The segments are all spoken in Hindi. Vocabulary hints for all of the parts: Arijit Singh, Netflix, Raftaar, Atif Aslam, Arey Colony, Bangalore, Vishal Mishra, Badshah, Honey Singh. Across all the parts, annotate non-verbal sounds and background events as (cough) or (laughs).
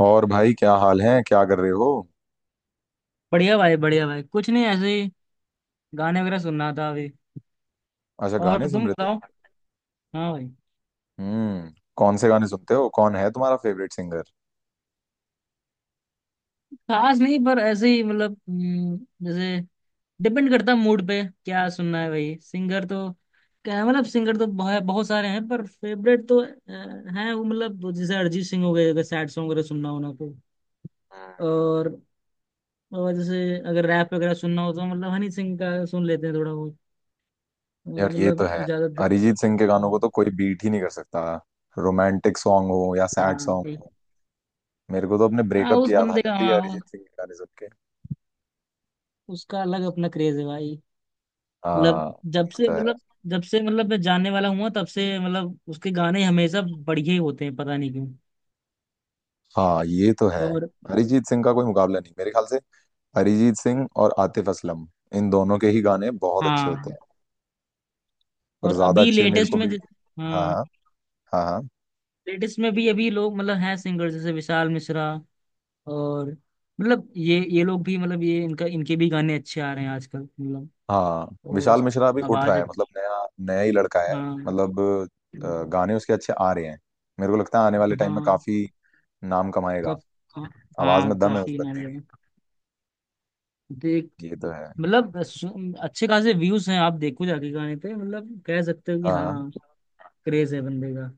और भाई, क्या हाल है? क्या कर रहे हो? बढ़िया भाई बढ़िया भाई, कुछ नहीं ऐसे ही गाने वगैरह सुन रहा था अभी। अच्छा, और गाने सुन तुम रहे थे। बताओ। हाँ भाई। हम्म। कौन से गाने सुनते हो? कौन है तुम्हारा फेवरेट सिंगर? खास नहीं पर ऐसे ही मतलब जैसे डिपेंड करता है मूड पे क्या सुनना है भाई। सिंगर तो क्या मतलब सिंगर तो बहुत बहुत सारे हैं पर फेवरेट तो हैं वो मतलब जैसे अरिजीत सिंह हो गए अगर सैड सॉन्ग वगैरह सुनना हो ना तो। हम्म। और और जैसे अगर रैप वगैरह सुनना हो तो मतलब हनी सिंह का सुन लेते हैं थोड़ा बहुत। यार, ये तो मतलब है। ज्यादातर अरिजीत सिंह के गानों को हम्म, तो कोई बीट ही नहीं कर सकता। रोमांटिक सॉन्ग हो या सैड हाँ सॉन्ग भाई। हो। मेरे को तो अपने हाँ ब्रेकअप की उस याद आ बंदे का जाती है हाँ अरिजीत सिंह के गाने सुन के। उसका अलग अपना क्रेज है भाई। मतलब हाँ, जब ये से तो है। मतलब जब से मतलब मैं जानने वाला हुआ तब से मतलब उसके गाने हमेशा बढ़िया ही होते हैं पता नहीं क्यों। हाँ, ये तो है। और अरिजीत सिंह का कोई मुकाबला नहीं मेरे ख्याल से। अरिजीत सिंह और आतिफ असलम, इन दोनों के ही गाने बहुत अच्छे होते हाँ हैं, और और ज्यादा अभी अच्छे मेरे को भी। हाँ, हाँ हाँ, हाँ, हाँ, लेटेस्ट में भी अभी लोग मतलब हैं सिंगर जैसे विशाल मिश्रा। और मतलब ये लोग भी मतलब ये इनका इनके भी गाने अच्छे आ रहे हैं आजकल मतलब। हाँ। और विशाल मिश्रा अभी उठ रहा आवाज है, अच्छी। मतलब नया नया ही लड़का है। हाँ मतलब गाने उसके अच्छे आ रहे हैं। मेरे को लगता है आने वाले टाइम में हाँ। काफी नाम कमाएगा। कफ हाँ आवाज हाँ, में दम है उस काफी नाम बंदे है। देख की। ये तो है। मतलब अच्छे खासे व्यूज हैं आप देखो जाके गाने पे, मतलब कह सकते हो कि हाँ, हाँ, हाँ क्रेज है बंदे का।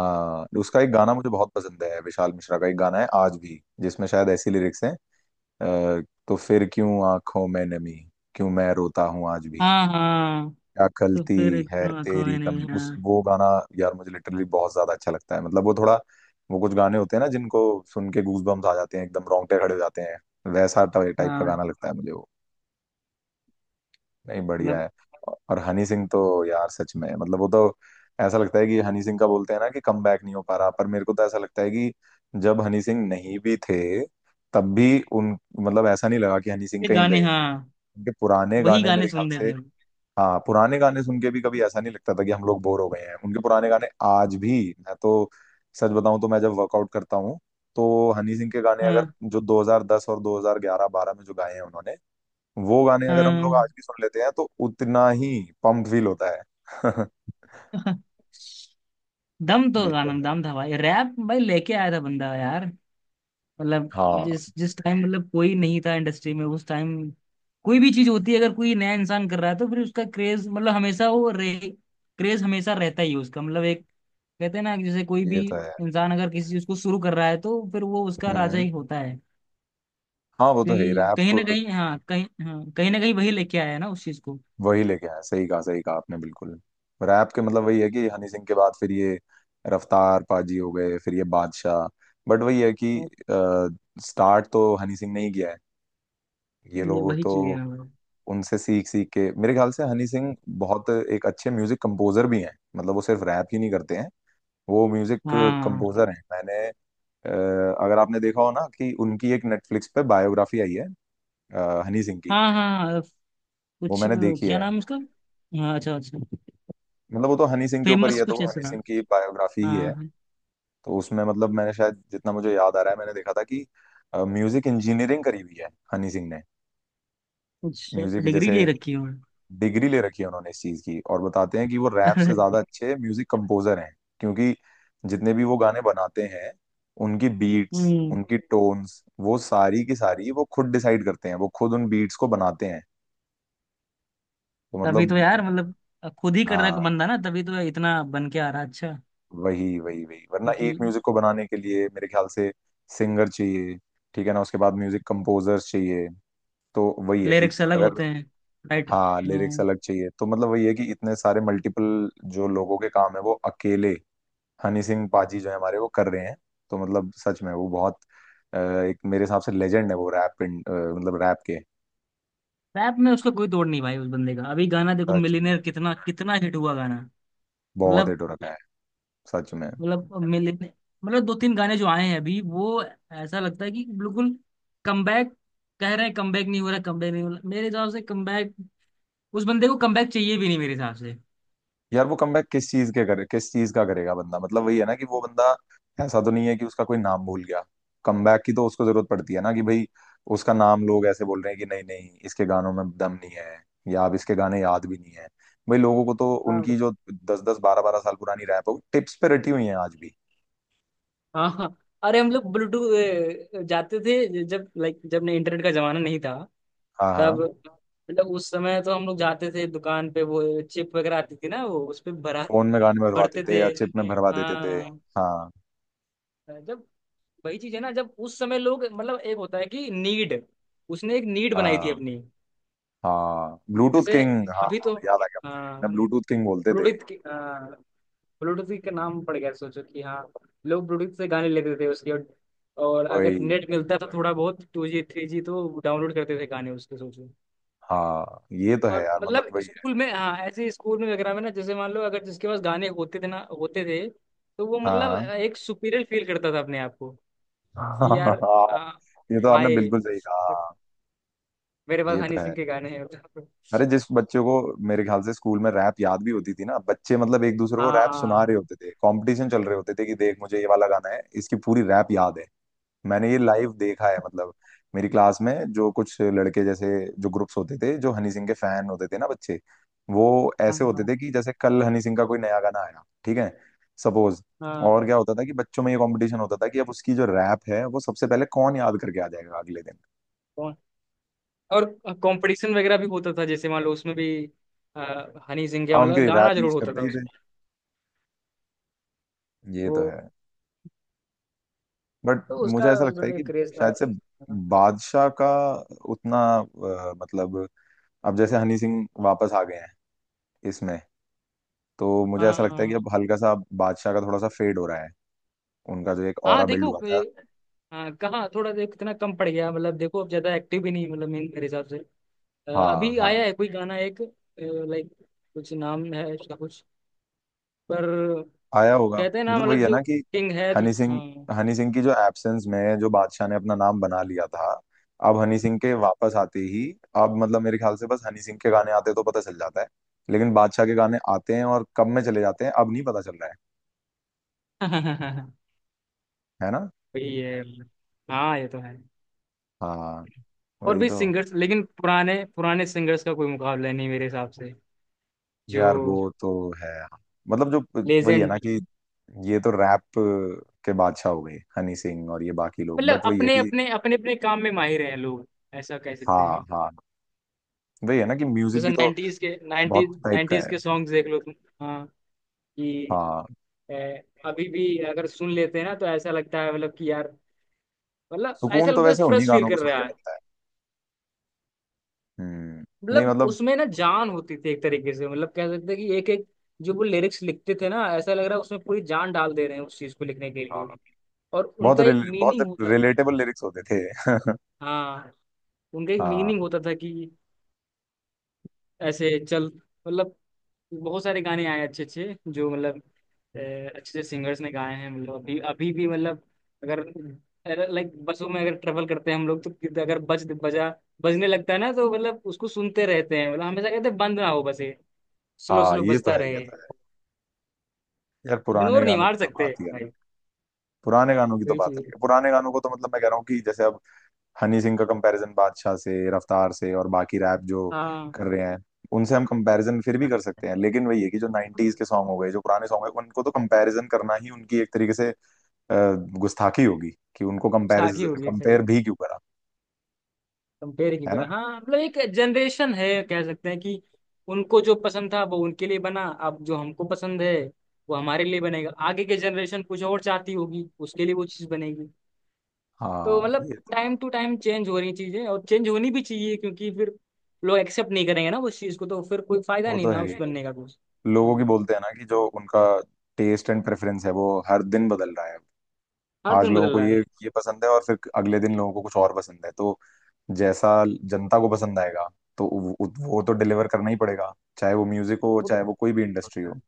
हाँ, उसका एक गाना मुझे बहुत पसंद है। विशाल मिश्रा का एक गाना है आज भी जिसमें शायद ऐसी लिरिक्स हैं। अ, तो फिर क्यों आंखों में नमी, क्यों मैं रोता हूँ आज भी, हाँ हाँ क्या तो खलती फिर है इतना आंखों तेरी में नहीं कमी। उस हाँ। वो गाना, यार, मुझे लिटरली बहुत ज्यादा अच्छा लगता है। मतलब वो थोड़ा, वो कुछ गाने होते हैं ना जिनको सुन के गूज बम्स आ जाते हैं, एकदम रोंगटे खड़े हो जाते हैं। वैसा टाइप का हाँ गाना लगता है मुझे वो। नहीं, बढ़िया मतलब है। और हनी सिंह तो, यार सच में, मतलब वो तो ऐसा लगता है कि हनी सिंह का बोलते हैं ना कि कम बैक नहीं हो पा रहा, पर मेरे को तो ऐसा लगता है कि जब हनी सिंह नहीं भी थे, तब भी उन मतलब ऐसा नहीं लगा कि हनी सिंह ये कहीं गाने, गए। हाँ उनके पुराने वही गाने गाने मेरे ख्याल सुन रहे से, थे हम। हाँ, पुराने गाने सुन के भी कभी ऐसा नहीं लगता था कि हम लोग बोर हो गए हैं उनके पुराने गाने आज भी। मैं तो, सच बताऊं तो, मैं जब वर्कआउट करता हूँ तो हनी सिंह के गाने, अगर हाँ जो 2010 और 2011 12 में जो गाए हैं उन्होंने, वो गाने अगर हम लोग आज हाँ। भी सुन लेते हैं, तो उतना ही पम्प फील होता है। (laughs) (laughs) दम तो ये तो गाना, है। दम था भाई। रैप भाई लेके आया था बंदा यार। मतलब हाँ, जिस जिस टाइम मतलब कोई नहीं था इंडस्ट्री में उस टाइम, कोई भी चीज होती है अगर कोई नया इंसान कर रहा है तो फिर उसका क्रेज मतलब हमेशा वो रे, क्रेज हमेशा रहता ही है उसका मतलब एक। कहते हैं ना कि जैसे कोई ये भी तो है। इंसान अगर किसी चीज को शुरू कर रहा है तो फिर वो उसका राजा हम्म। ही होता है। हाँ, वो तो है ही। क्योंकि कहीं रैप ना कहीं हाँ कहीं हाँ कहीं ना कहीं वही लेके आया है ना उस चीज को। वही लेके आया, सही कहा, सही कहा आपने, बिल्कुल। रैप के मतलब वही है कि हनी सिंह के बाद फिर ये रफ्तार पाजी हो गए, फिर ये बादशाह। बट वही है कि तो स्टार्ट तो हनी सिंह ने ही किया है। ये ये लोगों वही तो चीज है ना मतलब। उनसे सीख सीख के, मेरे ख्याल से हनी सिंह बहुत एक अच्छे म्यूजिक कंपोजर भी हैं। मतलब वो सिर्फ रैप ही नहीं करते हैं, वो म्यूजिक हाँ कंपोजर हैं। मैंने अ, अगर आपने देखा हो ना कि उनकी एक नेटफ्लिक्स पे बायोग्राफी आई है, हनी सिंह की, हाँ हाँ हाँ, वो कुछ मैंने देखी क्या है। नाम है उसका। हाँ अच्छा अच्छा। मतलब वो तो हनी सिंह के ऊपर ही फेमस है, तो कुछ वो ऐसा हनी था। सिंह की बायोग्राफी ही हाँ है। हाँ, तो उसमें मतलब मैंने शायद, जितना मुझे याद आ रहा है, मैंने देखा था कि म्यूजिक इंजीनियरिंग करी हुई है हनी सिंह ने। कुछ म्यूजिक डिग्री जैसे ले रखी है। डिग्री ले रखी है उन्होंने इस चीज की, और बताते हैं कि वो रैप से अरे, ज्यादा अच्छे म्यूजिक कंपोजर हैं, क्योंकि जितने भी वो गाने बनाते हैं, उनकी बीट्स, हम्म उनकी टोन्स, वो सारी की सारी वो खुद डिसाइड करते हैं, वो खुद उन बीट्स को बनाते हैं। तो तभी तो मतलब, यार मतलब खुद ही कर रहा है हाँ, बंदा ना, तभी तो इतना बन के आ रहा है अच्छा। वही वही वही, वरना एक क्योंकि म्यूजिक को बनाने के लिए मेरे ख्याल से सिंगर चाहिए, ठीक है ना, उसके बाद म्यूजिक कंपोजर्स चाहिए। तो वही है कि लिरिक्स अलग अगर, होते हैं। राइट। हाँ, लिरिक्स अलग चाहिए, तो मतलब वही है कि इतने सारे मल्टीपल जो लोगों के काम है वो अकेले हनी सिंह पाजी जो है हमारे वो कर रहे हैं। तो मतलब सच में वो बहुत एक मेरे हिसाब से लेजेंड है, वो रैप, मतलब रैप के। रैप में उसका कोई तोड़ नहीं भाई उस बंदे का। अभी गाना देखो सच में मिलीनियर कितना कितना हिट हुआ गाना। बहुत मतलब, हिट हो रखा है। सच में। मतलब मिलीनियर मतलब दो तीन गाने जो आए हैं अभी वो ऐसा लगता है कि बिल्कुल कमबैक। कह रहे हैं कमबैक नहीं हो रहा कमबैक नहीं हो रहा, मेरे हिसाब से कमबैक उस बंदे को कमबैक चाहिए भी नहीं मेरे हिसाब यार, वो कमबैक किस चीज के करे, किस चीज का करेगा बंदा? मतलब वही है ना कि वो बंदा, ऐसा तो नहीं है कि उसका कोई नाम भूल गया। कमबैक की तो उसको जरूरत पड़ती है ना कि भाई उसका नाम लोग ऐसे बोल रहे हैं कि नहीं, नहीं, इसके गानों में दम नहीं है, या अब इसके गाने याद भी नहीं है। भाई लोगों को तो से। उनकी जो दस दस बारह बारह साल पुरानी रैप हो, टिप्स पे रटी हुई है आज भी। हाँ हाँ। अरे हम लोग ब्लूटूथ जाते थे जब लाइक जब ने इंटरनेट का जमाना नहीं था हाँ, हाँ। तब, मतलब उस समय तो हम लोग जाते थे दुकान पे वो चिप वगैरह आती थी ना वो उस पे भरा फोन में गाने भरवा भरते देते थे। या चिप में भरवा देते थे। हाँ हाँ, जब वही चीज है ना, जब उस समय लोग मतलब एक होता है कि नीड, उसने एक नीड बनाई थी हाँ, अपनी। हाँ, ब्लूटूथ जैसे किंग, हाँ, अभी हाँ, तो याद आ गया मुझे, हाँ उन्हें ब्लूटूथ किंग बोलते थे। ब्लूटूथ की हाँ। ब्लूटूथ का नाम पड़ गया सोचो कि हाँ लोग ब्लूटूथ से गाने लेते थे उसके, और अगर वही, नेट मिलता था थोड़ा बहुत टू जी थ्री जी तो डाउनलोड करते थे गाने उसके सोचो। हाँ, ये तो है और यार, मतलब मतलब वही है। स्कूल में हाँ ऐसे स्कूल में वगैरह में ना जैसे मान लो अगर जिसके पास गाने होते थे ना होते थे तो वो मतलब हाँ, एक सुपीरियर फील करता था अपने आप को हाँ, कि (laughs) यार हाँ, आ, ये तो आपने भाई बिल्कुल सही कहा, हाँ, मेरे पास ये हनी तो है। सिंह के गाने हैं। अरे, जिस बच्चों को, मेरे ख्याल से स्कूल में रैप याद भी होती थी ना बच्चे, मतलब एक दूसरे को रैप सुना रहे हाँ होते थे, कंपटीशन चल रहे होते थे कि देख, मुझे ये वाला गाना है, इसकी पूरी रैप याद है। मैंने ये लाइव देखा है। मतलब मेरी क्लास में जो कुछ लड़के, जैसे जो ग्रुप्स होते थे जो हनी सिंह के फैन होते थे ना बच्चे, वो ऐसे होते हाँ थे कि जैसे कल हनी सिंह का कोई नया गाना आया, ठीक है, सपोज, और हाँ क्या होता था कि बच्चों में ये कंपटीशन होता था कि अब उसकी जो रैप है वो सबसे पहले कौन याद करके आ जाएगा अगले दिन। हाँ। और कंपटीशन वगैरह भी होता था जैसे मान लो उसमें भी हनी सिंह का हम मतलब उनके गाना रैप जरूर यूज होता करते था ही थे। उसमें। ये वो तो है। बट तो मुझे उसका ऐसा लगता है उन्होंने कि क्रेज था। शायद से बादशाह का उतना मतलब, अब जैसे हनी सिंह वापस आ गए हैं इसमें, तो मुझे हाँ ऐसा लगता है कि हाँ अब हल्का सा बादशाह का थोड़ा सा फेड हो रहा है उनका जो एक हाँ, ऑरा बिल्ड हुआ देखो ये, था। हाँ कहाँ थोड़ा देख इतना कम पड़ गया, मतलब देखो अब ज्यादा एक्टिव भी नहीं मतलब मेरे मेरे हिसाब से। हाँ, अभी हाँ। आया है कोई गाना एक लाइक, कुछ नाम है उसका कुछ, पर आया होगा। कहते हैं ना मतलब वही मतलब है जो ना कि किंग है तो हनी सिंह हाँ। हनी सिंह की जो एब्सेंस में जो बादशाह ने अपना नाम बना लिया था, अब हनी सिंह के वापस आते ही, अब मतलब मेरे ख्याल से बस, हनी सिंह के गाने आते तो पता चल जाता है, लेकिन बादशाह के गाने आते हैं और कब में चले जाते हैं अब नहीं पता चल रहा है। (laughs) है ना? वही है मतलब। हाँ ये तो है। हाँ, और वही भी तो। सिंगर्स लेकिन पुराने पुराने सिंगर्स का कोई मुकाबला नहीं मेरे हिसाब से। जो यार, वो तो है, मतलब जो वही है ना लेजेंड, कि ये तो रैप के बादशाह हो गए हनी सिंह, और ये बाकी लोग, मतलब बट वही है अपने कि। अपने अपने अपने काम में माहिर हैं लोग, ऐसा कह सकते हाँ, हैं। हाँ। वही है ना कि म्यूजिक जैसे भी तो बहुत टाइप का 90s है। के सॉन्ग्स देख लो तुम। हाँ कि हाँ, अभी भी अगर सुन लेते हैं ना तो ऐसा लगता है मतलब कि यार, मतलब ऐसा सुकून तो लगता है वैसे उन्हीं फ्रेश फील गानों को कर सुन के रहा है। मिलता है। हम्म। नहीं, मतलब मतलब, उसमें ना जान होती थी एक तरीके से, मतलब कह सकते हैं कि एक एक जो वो लिरिक्स लिखते थे ना ऐसा लग रहा है उसमें पूरी जान डाल दे रहे हैं उस चीज को लिखने के हाँ, लिए। और उनका एक बहुत मीनिंग होता था। रिलेटेबल लिरिक्स होते थे। (laughs) हाँ उनका एक हाँ। मीनिंग होता था कि ऐसे चल, मतलब बहुत सारे गाने आए अच्छे अच्छे जो मतलब अ, अच्छे से सिंगर्स ने गाए हैं मतलब अभी अभी भी मतलब, अगर लाइक बसों में अगर ट्रेवल करते हैं हम लोग तो अगर बज बजा बजने लगता है ना तो मतलब उसको सुनते रहते हैं मतलब हमेशा कहते हैं बंद ना हो बस ये, स्लो हाँ, स्लो ये तो बजता है। ये रहे। तो है। यार पुराने इग्नोर नहीं गानों की मार तो सकते बात ही अलग भाई। है। पुराने गानों की तो वही बात चीज अलग है। है। पुराने गानों को तो मतलब मैं कह रहा हूँ कि जैसे अब हनी सिंह का कंपैरिजन बादशाह से, रफ्तार से, और बाकी रैप जो हाँ कर रहे हैं उनसे हम कंपैरिजन फिर भी कर सकते हैं, लेकिन वही है कि जो 90s के सॉन्ग हो गए, जो पुराने सॉन्ग है, उनको तो कंपैरिजन करना ही उनकी एक तरीके से अ, गुस्ताखी होगी। कि उनको कंपैरिज साखी हो गई। कंपेयर भी क्यों करा? कंपेयर की है ना? करा हाँ, मतलब एक जनरेशन है कह सकते हैं कि उनको जो पसंद था वो उनके लिए बना, अब जो हमको पसंद है वो हमारे लिए बनेगा, आगे के जनरेशन कुछ और चाहती होगी उसके लिए वो चीज़ बनेगी। तो हाँ, मतलब ये तो, टाइम टू टाइम चेंज हो रही चीज़ें और चेंज होनी भी चाहिए क्योंकि फिर लोग एक्सेप्ट नहीं करेंगे ना उस चीज़ को, तो फिर कोई फायदा वो नहीं तो ना है उस ही। बनने का कुछ। लोगों की हाँ, बोलते हैं ना कि जो उनका टेस्ट एंड प्रेफरेंस है वो हर दिन बदल रहा है। हर आज दिन लोगों बदल को रहा ये है। ये पसंद है और फिर अगले दिन लोगों को कुछ और पसंद है। तो जैसा जनता को पसंद आएगा, तो वो तो डिलीवर करना ही पड़ेगा, चाहे वो म्यूजिक हो, वो तो चाहे वो कोई भी इंडस्ट्री होता है। हो।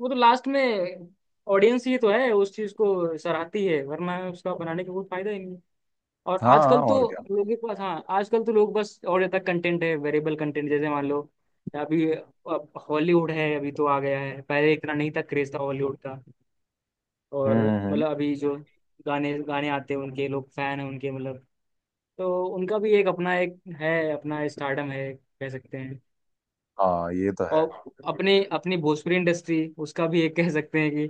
वो तो लास्ट में ऑडियंस ही तो है उस चीज़ को सराहती है वरना उसका बनाने का कोई फायदा ही नहीं। और हाँ, हाँ, आजकल तो और क्या। लोगों के पास हाँ आजकल तो लोग बस और ज्यादा कंटेंट है, वेरिएबल कंटेंट, जैसे मान लो अभी हॉलीवुड है अभी तो आ गया है, पहले इतना नहीं था क्रेज था हॉलीवुड का। हम्म, और मतलब अभी जो गाने गाने आते हैं उनके लोग फैन हैं उनके मतलब, तो उनका भी एक अपना एक है अपना स्टारडम है कह सकते हैं। हाँ, ये तो है। और अपने अपनी भोजपुरी इंडस्ट्री, उसका भी एक कह सकते हैं कि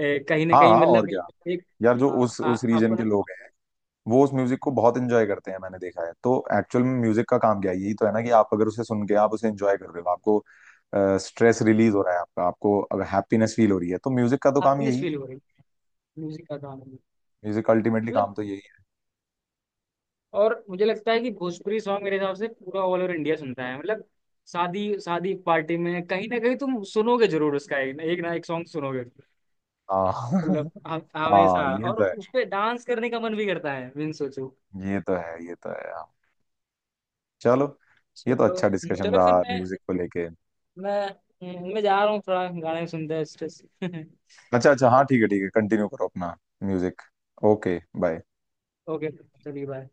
कहीं ना हाँ, कहीं हाँ, और मतलब क्या। एक, यार, जो हाँ, उस रीजन के अपना लोग हैं वो उस म्यूजिक को बहुत एंजॉय करते हैं, मैंने देखा है। तो एक्चुअल में म्यूजिक का काम क्या है? यही तो है ना कि आप अगर उसे सुन के, आप उसे एंजॉय कर रहे हो, आपको स्ट्रेस रिलीज हो रहा है आपका, आपको अगर हैप्पीनेस फील हो रही है, तो म्यूजिक का तो काम अपनेस यही है। फील हो रही है म्यूजिक का काम मतलब। म्यूजिक अल्टीमेटली काम तो यही है। और मुझे लगता है कि भोजपुरी सॉन्ग मेरे हिसाब से पूरा ऑल ओवर इंडिया सुनता है, मतलब शादी शादी पार्टी में कहीं ना कहीं तुम सुनोगे जरूर, उसका एक ना एक, ना एक सॉन्ग सुनोगे। हाँ, मतलब (laughs) हाँ, हमेशा, ये और तो है। उस पे डांस करने का मन भी करता है बिन सोचो। ये तो है। ये तो है। हाँ। चलो, ये तो चलो। अच्छा डिस्कशन चलो फिर रहा मैं, म्यूजिक को लेके। मैं जा रहा हूँ थोड़ा गाने सुनते हैं स्ट्रेस। (laughs) अच्छा, अच्छा, हाँ, ठीक है, ठीक है, कंटिन्यू करो अपना म्यूजिक। ओके। बाय। ओके चलिए बाय।